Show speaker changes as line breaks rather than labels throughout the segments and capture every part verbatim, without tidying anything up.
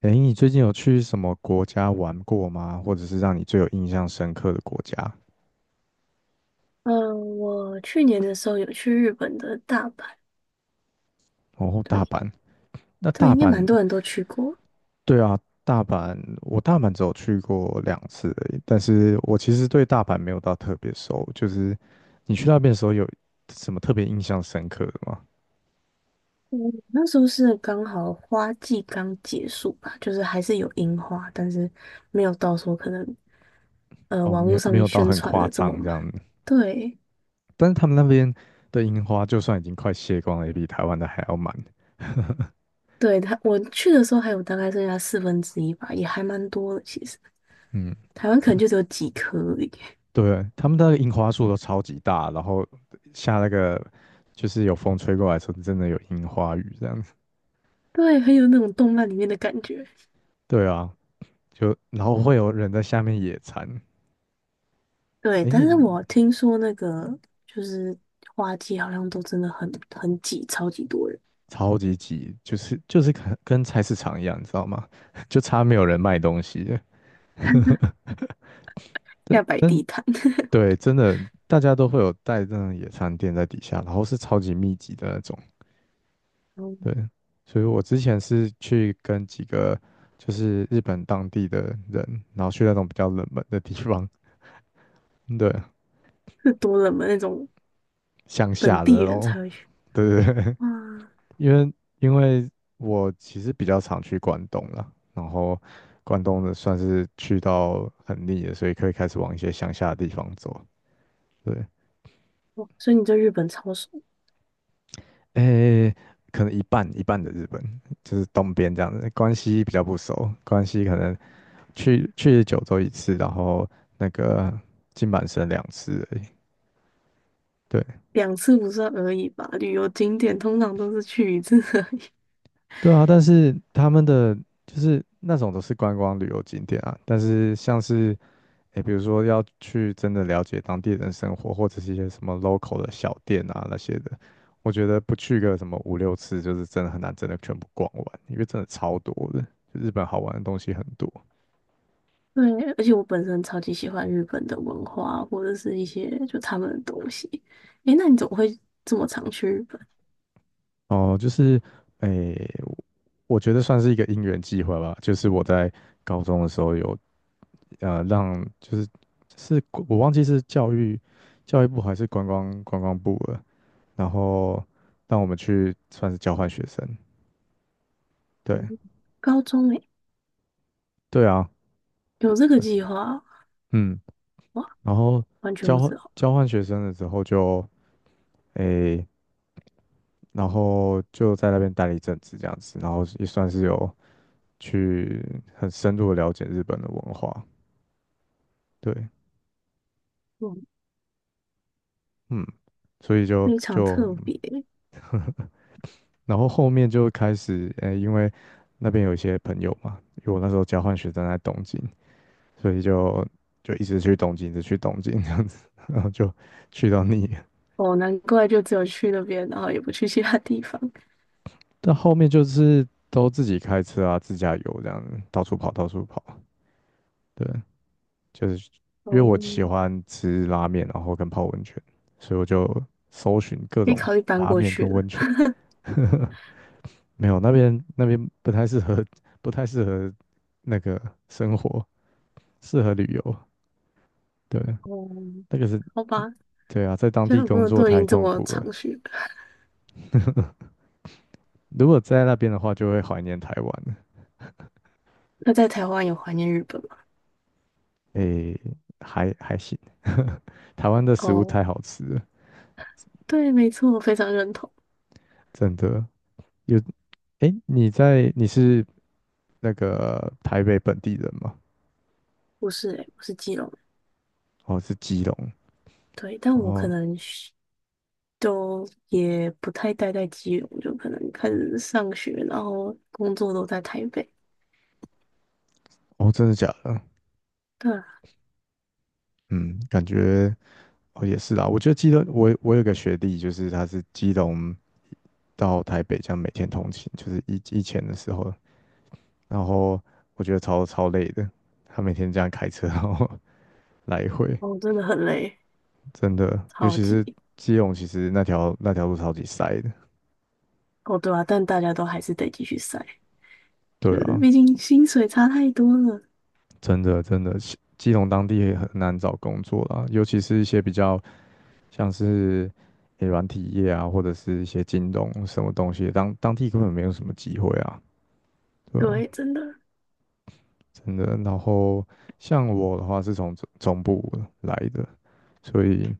诶，你最近有去什么国家玩过吗？或者是让你最有印象深刻的国家？
嗯，我去年的时候有去日本的大阪。
哦，大
对
阪。那
对，
大
应该蛮
阪，
多人都去过。
对啊，大阪，我大阪只有去过两次而已，但是我其实对大阪没有到特别熟。就是你去那边的时候有什么特别印象深刻的吗？
嗯，那时候是刚好花季刚结束吧，就是还是有樱花，但是没有到时候可能呃
哦，
网
没
络
有，
上
没
面
有到
宣
很
传
夸
的这么
张这
满。
样子。
对
但是他们那边的樱花，就算已经快谢光了，也比台湾的还要满。
对，他我去的时候还有大概剩下四分之一吧，也还蛮多的。其实
嗯，
台湾可能就只有几颗而已。
对，他们的樱花树都超级大，然后下那个就是有风吹过来的时候，真的有樱花雨这样子。
对，很有那种动漫里面的感觉。
对啊，就然后会有人在下面野餐。
对，
哎，
但是
你
我听说那个就是花季，好像都真的很很挤，超级多人，
超级挤，就是就是跟跟菜市场一样，你知道吗？就差没有人卖东西了。但
要摆地
但
摊。
对，真的大家都会有带那种野餐垫在底下，然后是超级密集的那种。
嗯，
对，所以我之前是去跟几个就是日本当地的人，然后去那种比较冷门的地方，对，
是多冷门那种
乡
本
下的
地
那
人
种，
才会去。
对对对，
哇，
因为因为我其实比较常去关东了，然后关东的算是去到很腻了，所以可以开始往一些乡下的地方走，对，
哇所以你对日本超熟。
诶，可能一半一半的日本，就是东边这样子，关西比较不熟，关西可能去去九州一次，然后那个金板神两次而已。对
两次不算而已吧？旅游景点通常都是去一次而已。
对啊，但是他们的就是那种都是观光旅游景点啊，但是像是诶，比如说要去真的了解当地人生活，或者是一些什么 local 的小店啊那些的，我觉得不去个什么五六次，就是真的很难真的全部逛完，因为真的超多的，就日本好玩的东西很多。
对，而且我本身超级喜欢日本的文化，或者是一些就他们的东西。诶，那你怎么会这么常去日本？
哦，就是诶，我觉得算是一个因缘际会吧，就是我在高中的时候有呃让就是是我忘记是教育教育部还是观光观光部了，然后让我们去算是交换学生，对
嗯，高中诶，
对啊，
有这个计划？
嗯，
哇，
然后
完全
交
不
换
知道。
交换学生的时候就诶，然后就在那边待了一阵子这样子，然后也算是有去很深入的了解日本的文化，对，嗯，所以就
非常
就
特别。
然后后面就开始，呃、因为那边有一些朋友嘛，因为我那时候交换学生在东京，所以就就一直去东京，一直去东京这样子，然后就去到腻了。
哦，难怪就只有去那边，然后也不去其他地方。
但后面就是都自己开车啊，自驾游这样子，到处跑，到处跑。对，就是
哦，
因为我喜欢吃拉面，然后跟泡温泉，所以我就搜寻各
可以
种
考虑搬
拉
过
面
去
跟
了。
温泉。没有，那边那边不太适合，不太适合那个生活。适合旅游，对，
哦，
那个是，
好吧，
对啊，在当
现
地
在我朋
工
友
作
都已
太
经这
痛
么
苦
长
了。
去了，
如果在那边的话，就会怀念台湾了。
那在台湾有怀念日本吗？
诶，还还行，台湾的食物
哦，
太好吃了，
对，没错，我非常认同。
真的。有，诶，你在，你是那个台北本地人吗？
不是诶、我是基隆人。
哦，是基隆。
对，但我可
哦，
能是都也不太待在基隆，就可能开始上学，然后工作都在台北。
哦，真的假的？
对啊。
嗯，感觉哦也是啦。我觉得基隆，我我有个学弟，就是他是基隆到台北这样每天通勤，就是以以前的时候，然后我觉得超超累的，他每天这样开车然后 来回，
哦，真的很累，
真的，尤
超
其是
级。
基隆，其实那条那条路超级塞的。
哦，对啊，但大家都还是得继续晒。
对
就是
啊，
毕竟薪水差太多了。
真的真的，基基隆当地也很难找工作啦，尤其是一些比较像是诶软体业啊，或者是一些京东什么东西，当当地根本没有什么机会啊，对啊，
对，真的。
真的。然后像我的话是从总中部来的，所以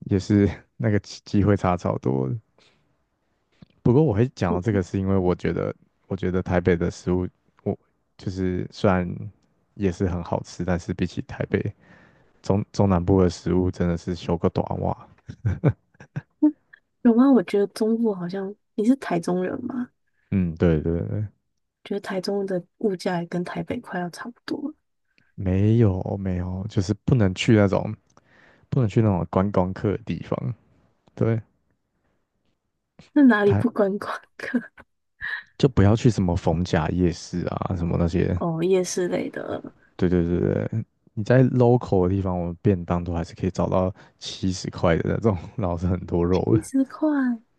也是 那个机机会差超多不过我会讲到这个，是因为我觉得，我觉得台北的食物，我就是虽然也是很好吃，但是比起台北中中南部的食物，真的是修个短袜。
有吗？我觉得中部好像你是台中人吗？
嗯，对对对，
觉得台中的物价也跟台北快要差不多了。
没有没有，就是不能去那种不能去那种观光客的地方。对，
那哪里不
台
观光客？
就不要去什么逢甲夜市啊，什么那 些。
哦，夜市类的。
对对对对，你在 local 的地方，我们便当都还是可以找到七十块的那种，然后是很多肉
七
的，
十块，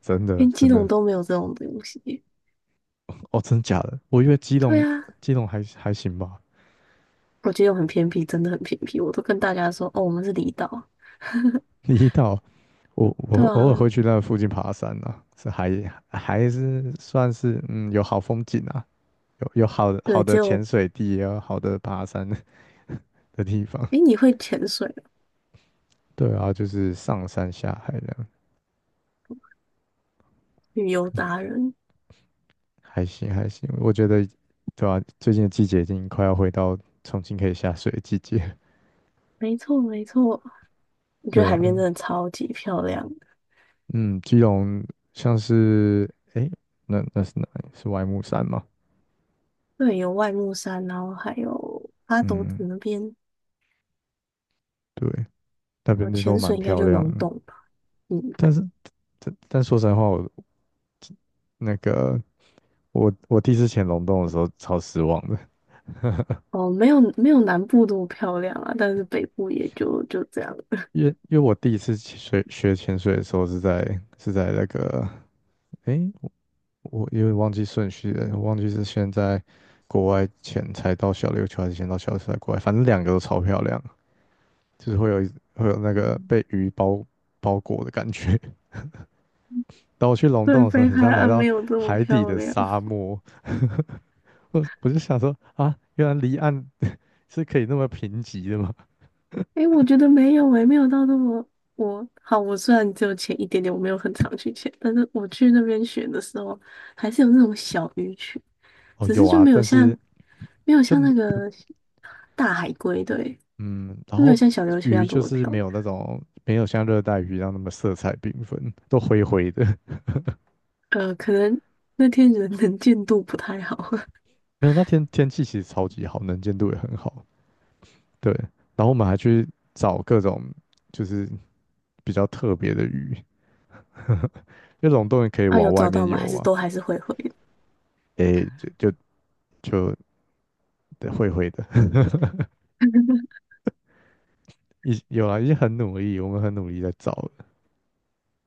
真的
连基
真的。
隆都没有这种东西。
哦，真假的？我以为基
对
隆
啊，
基隆还还行吧，
我基隆很偏僻，真的很偏僻。我都跟大家说，哦，我们是离岛。
离岛我我
对
偶尔
啊。
会去那附近爬山啊，是还还是算是嗯有好风景啊，有有好的好
对，
的潜
就，
水地啊，也有好的爬山的 地方。
诶，你会潜水哦，
对啊，就是上山下海这样，
旅游达人。
还行还行。我觉得对啊，最近的季节已经快要回到重新可以下水的季节。
没错没错，我觉得
对啊，
海边真的超级漂亮。
嗯，基隆像是诶，那那是哪里？是外木山吗？
对，有外木山，然后还有阿斗子
嗯，
那边。
对。那
呃，
边的都
潜
蛮
水应该
漂
就
亮
龙
的。
洞吧。嗯，
但是，但但说实在话，我那个我我第一次潜龙洞的时候超失望的，
哦，没有没有南部那么漂亮啊，但是北部也就就这样。
因为因为我第一次去水学潜水的时候是在是在那个，诶，我我有点忘记顺序了，我忘记是先在国外潜才到小琉球，还是先到小琉球再国外，反正两个都超漂亮，就是会有一会有那个
嗯，
被鱼包包裹的感觉。当我去 龙
对，
洞的时候，
北
很
海
像来
岸
到
没有这么
海底
漂
的
亮。
沙漠。我我就想说啊，原来离岸是可以那么贫瘠的吗？
诶，我觉得没有诶，没有到那么我好。我虽然只有潜一点点，我没有很常去潜，但是我去那边学的时候，还是有那种小鱼群，
哦，
只
有
是就
啊，
没有
但
像
是
没有
就
像
没
那个大海龟，对，
嗯，然
就没有
后
像小琉球一
鱼
样这
就
么
是
漂
没
亮。
有那种没有像热带鱼一样那么色彩缤纷，都灰灰的。
呃，可能那天人能见 度不太好。
没有，那天天气其实超级好，能见度也很好。对，然后我们还去找各种就是比较特别的鱼，因为龙洞也可以
啊，
往
有
外
找
面
到吗？
游
还是
嘛。
都还是会回的。
诶，就就就对灰灰的，已有啊，已经很努力，我们很努力在找了。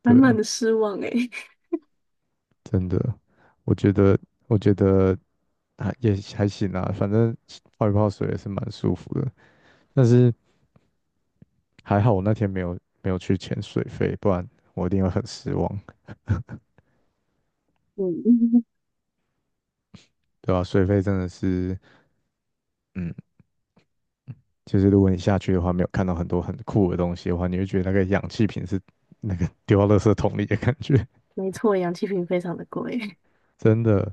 满
对
满
啊。
的失望诶、
真的，我觉得，我觉得还也还行啦，反正泡一泡水也是蛮舒服的。但是还好我那天没有没有去潜水费，不然我一定会很失望，
嗯，
对吧、水费真的是，嗯，就是如果你下去的话，没有看到很多很酷的东西的话，你会觉得那个氧气瓶是那个丢到垃圾桶里的感觉，
没错，氧气瓶非常的贵。
真的。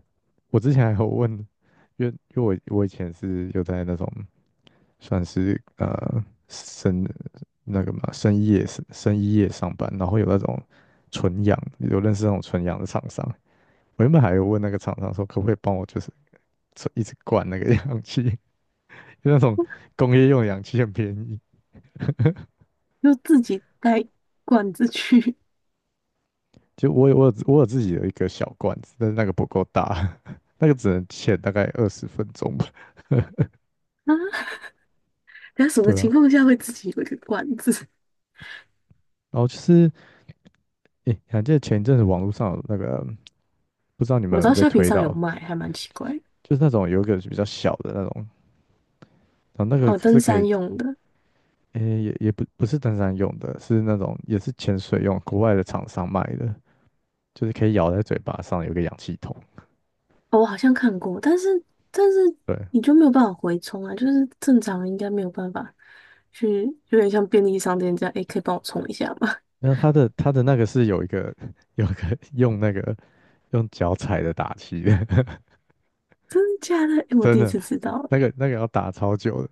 我之前还有问，因为因为我我以前是有在那种。算是呃深那个嘛深夜深夜上班，然后有那种纯阳，有认识那种纯氧的厂商。我原本还有问那个厂商说，可不可以帮我就是一直灌那个 氧气，就那种工业用氧气很便宜。
就自己带罐子去。
就我有我有我有自己的一个小罐子，但是那个不够大，那个只能潜大概二十分钟吧，
啊。那什么
对啊。
情况下会自己有一个罐子？
然后就是，诶，你还记得前一阵子网络上有那个，不知道你
我
们有
知
没
道
有被
虾皮
推
上有
到，
卖，还蛮奇怪的。
就是那种有一个比较小的那种。然后那个
哦，
是
登
可以，
山用的。
诶、也也不不是登山用的，是那种也是潜水用，国外的厂商卖的，就是可以咬在嘴巴上，有个氧气筒。
哦，我好像看过，但是但是
对，
你就没有办法回充啊，就是正常人应该没有办法去，有点像便利商店这样，诶、可以帮我充一下吗？
那它的它的那个是有一个 有一个 用那个用脚踩的打气的，
真的假的？诶，我
真
第一
的，
次知道
那
诶。
个那个要打超久的，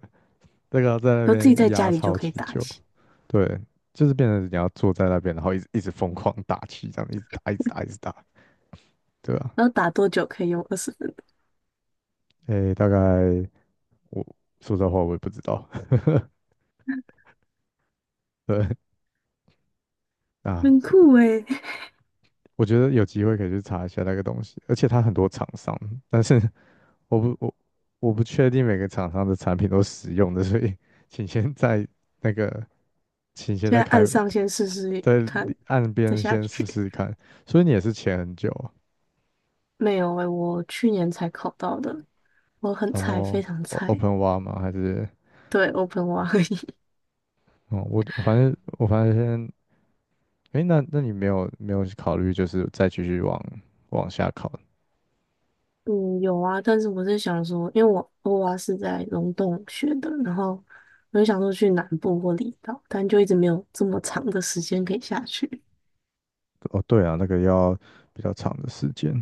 那个要在那
然后自己
边
在家
压
里就
超
可以
级
打
久。
气，
对，就是变成你要坐在那边，然后一直一直疯狂打气，这样一直打，一直打，一直打，对吧、
然后打多久可以用二十分。
诶、大概我说实话我也不知道，对。啊，
很酷哎！
我觉得有机会可以去查一下那个东西，而且它很多厂商，但是我不我我不确定每个厂商的产品都使用的，所以 请先在那个，请先
现
在
在按
开
上先试试
在里
看，
岸
再
边
下
先试
去。
试看。所以你也是潜很久啊，
没有哎，我去年才考到的，我很
然
菜，
后
非常
o- p
菜。
e n w a e 吗？还是
对，O pen 蛙而已。
哦，我反正我反正先，诶，那那你没有没有考虑就是再继续往往下考？
嗯，有啊，但是我是想说，因为我欧蛙是在龙洞学的，然后我就想说去南部或离岛，但就一直没有这么长的时间可以下去。
哦，对啊，那个要比较长的时间，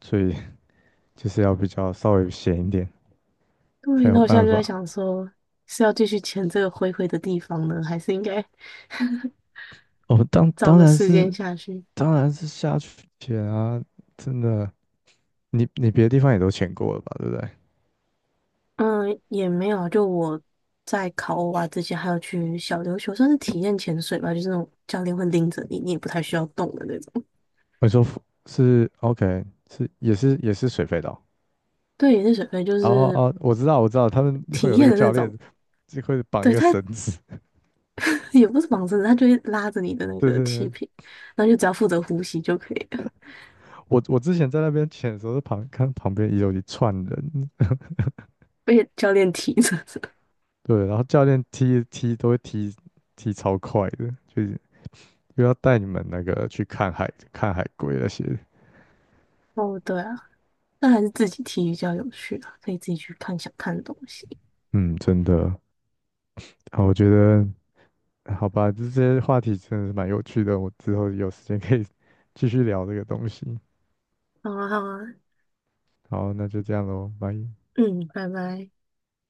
所以 就是要比较稍微闲一点。才
对，
有
那我现在
办
就在
法。
想说，是要继续潜这个灰灰的地方呢，还是应该
哦，当
找
当
个
然
时间
是
下去？
当然是下去潜啊，真的，你你别的地方也都潜过了吧，对不对？
嗯，也没有啊，就我在考欧啊之前，还有去小琉球，算是体验潜水吧，就是那种教练会拎着你，你也不太需要动的那种。
我说浮是 OK，是也是也是水肺岛。
对，也是水肺就
哦
是
哦，我知道我知道，他们会
体
有那
验
个
的那
教练
种。
就会绑一
对，
个
他
绳子。
也不是绑绳的，他就会拉着你的那
对
个
对
气
对，
瓶，然后就只要负责呼吸就可以了，
我我之前在那边潜的时候，旁看旁边也有一串人，
被教练提着。
对，然后教练踢踢都会踢踢超快的，就是又要带你们那个去看海看海龟那些。
哦，对啊，那还是自己踢比较有趣啊，可以自己去看想看的东西。
嗯，真的。好，我觉得好吧，这些话题真的是蛮有趣的，我之后有时间可以 继续聊这个东西。
好啊，好啊，
好，那就这样喽，拜。
嗯，拜拜。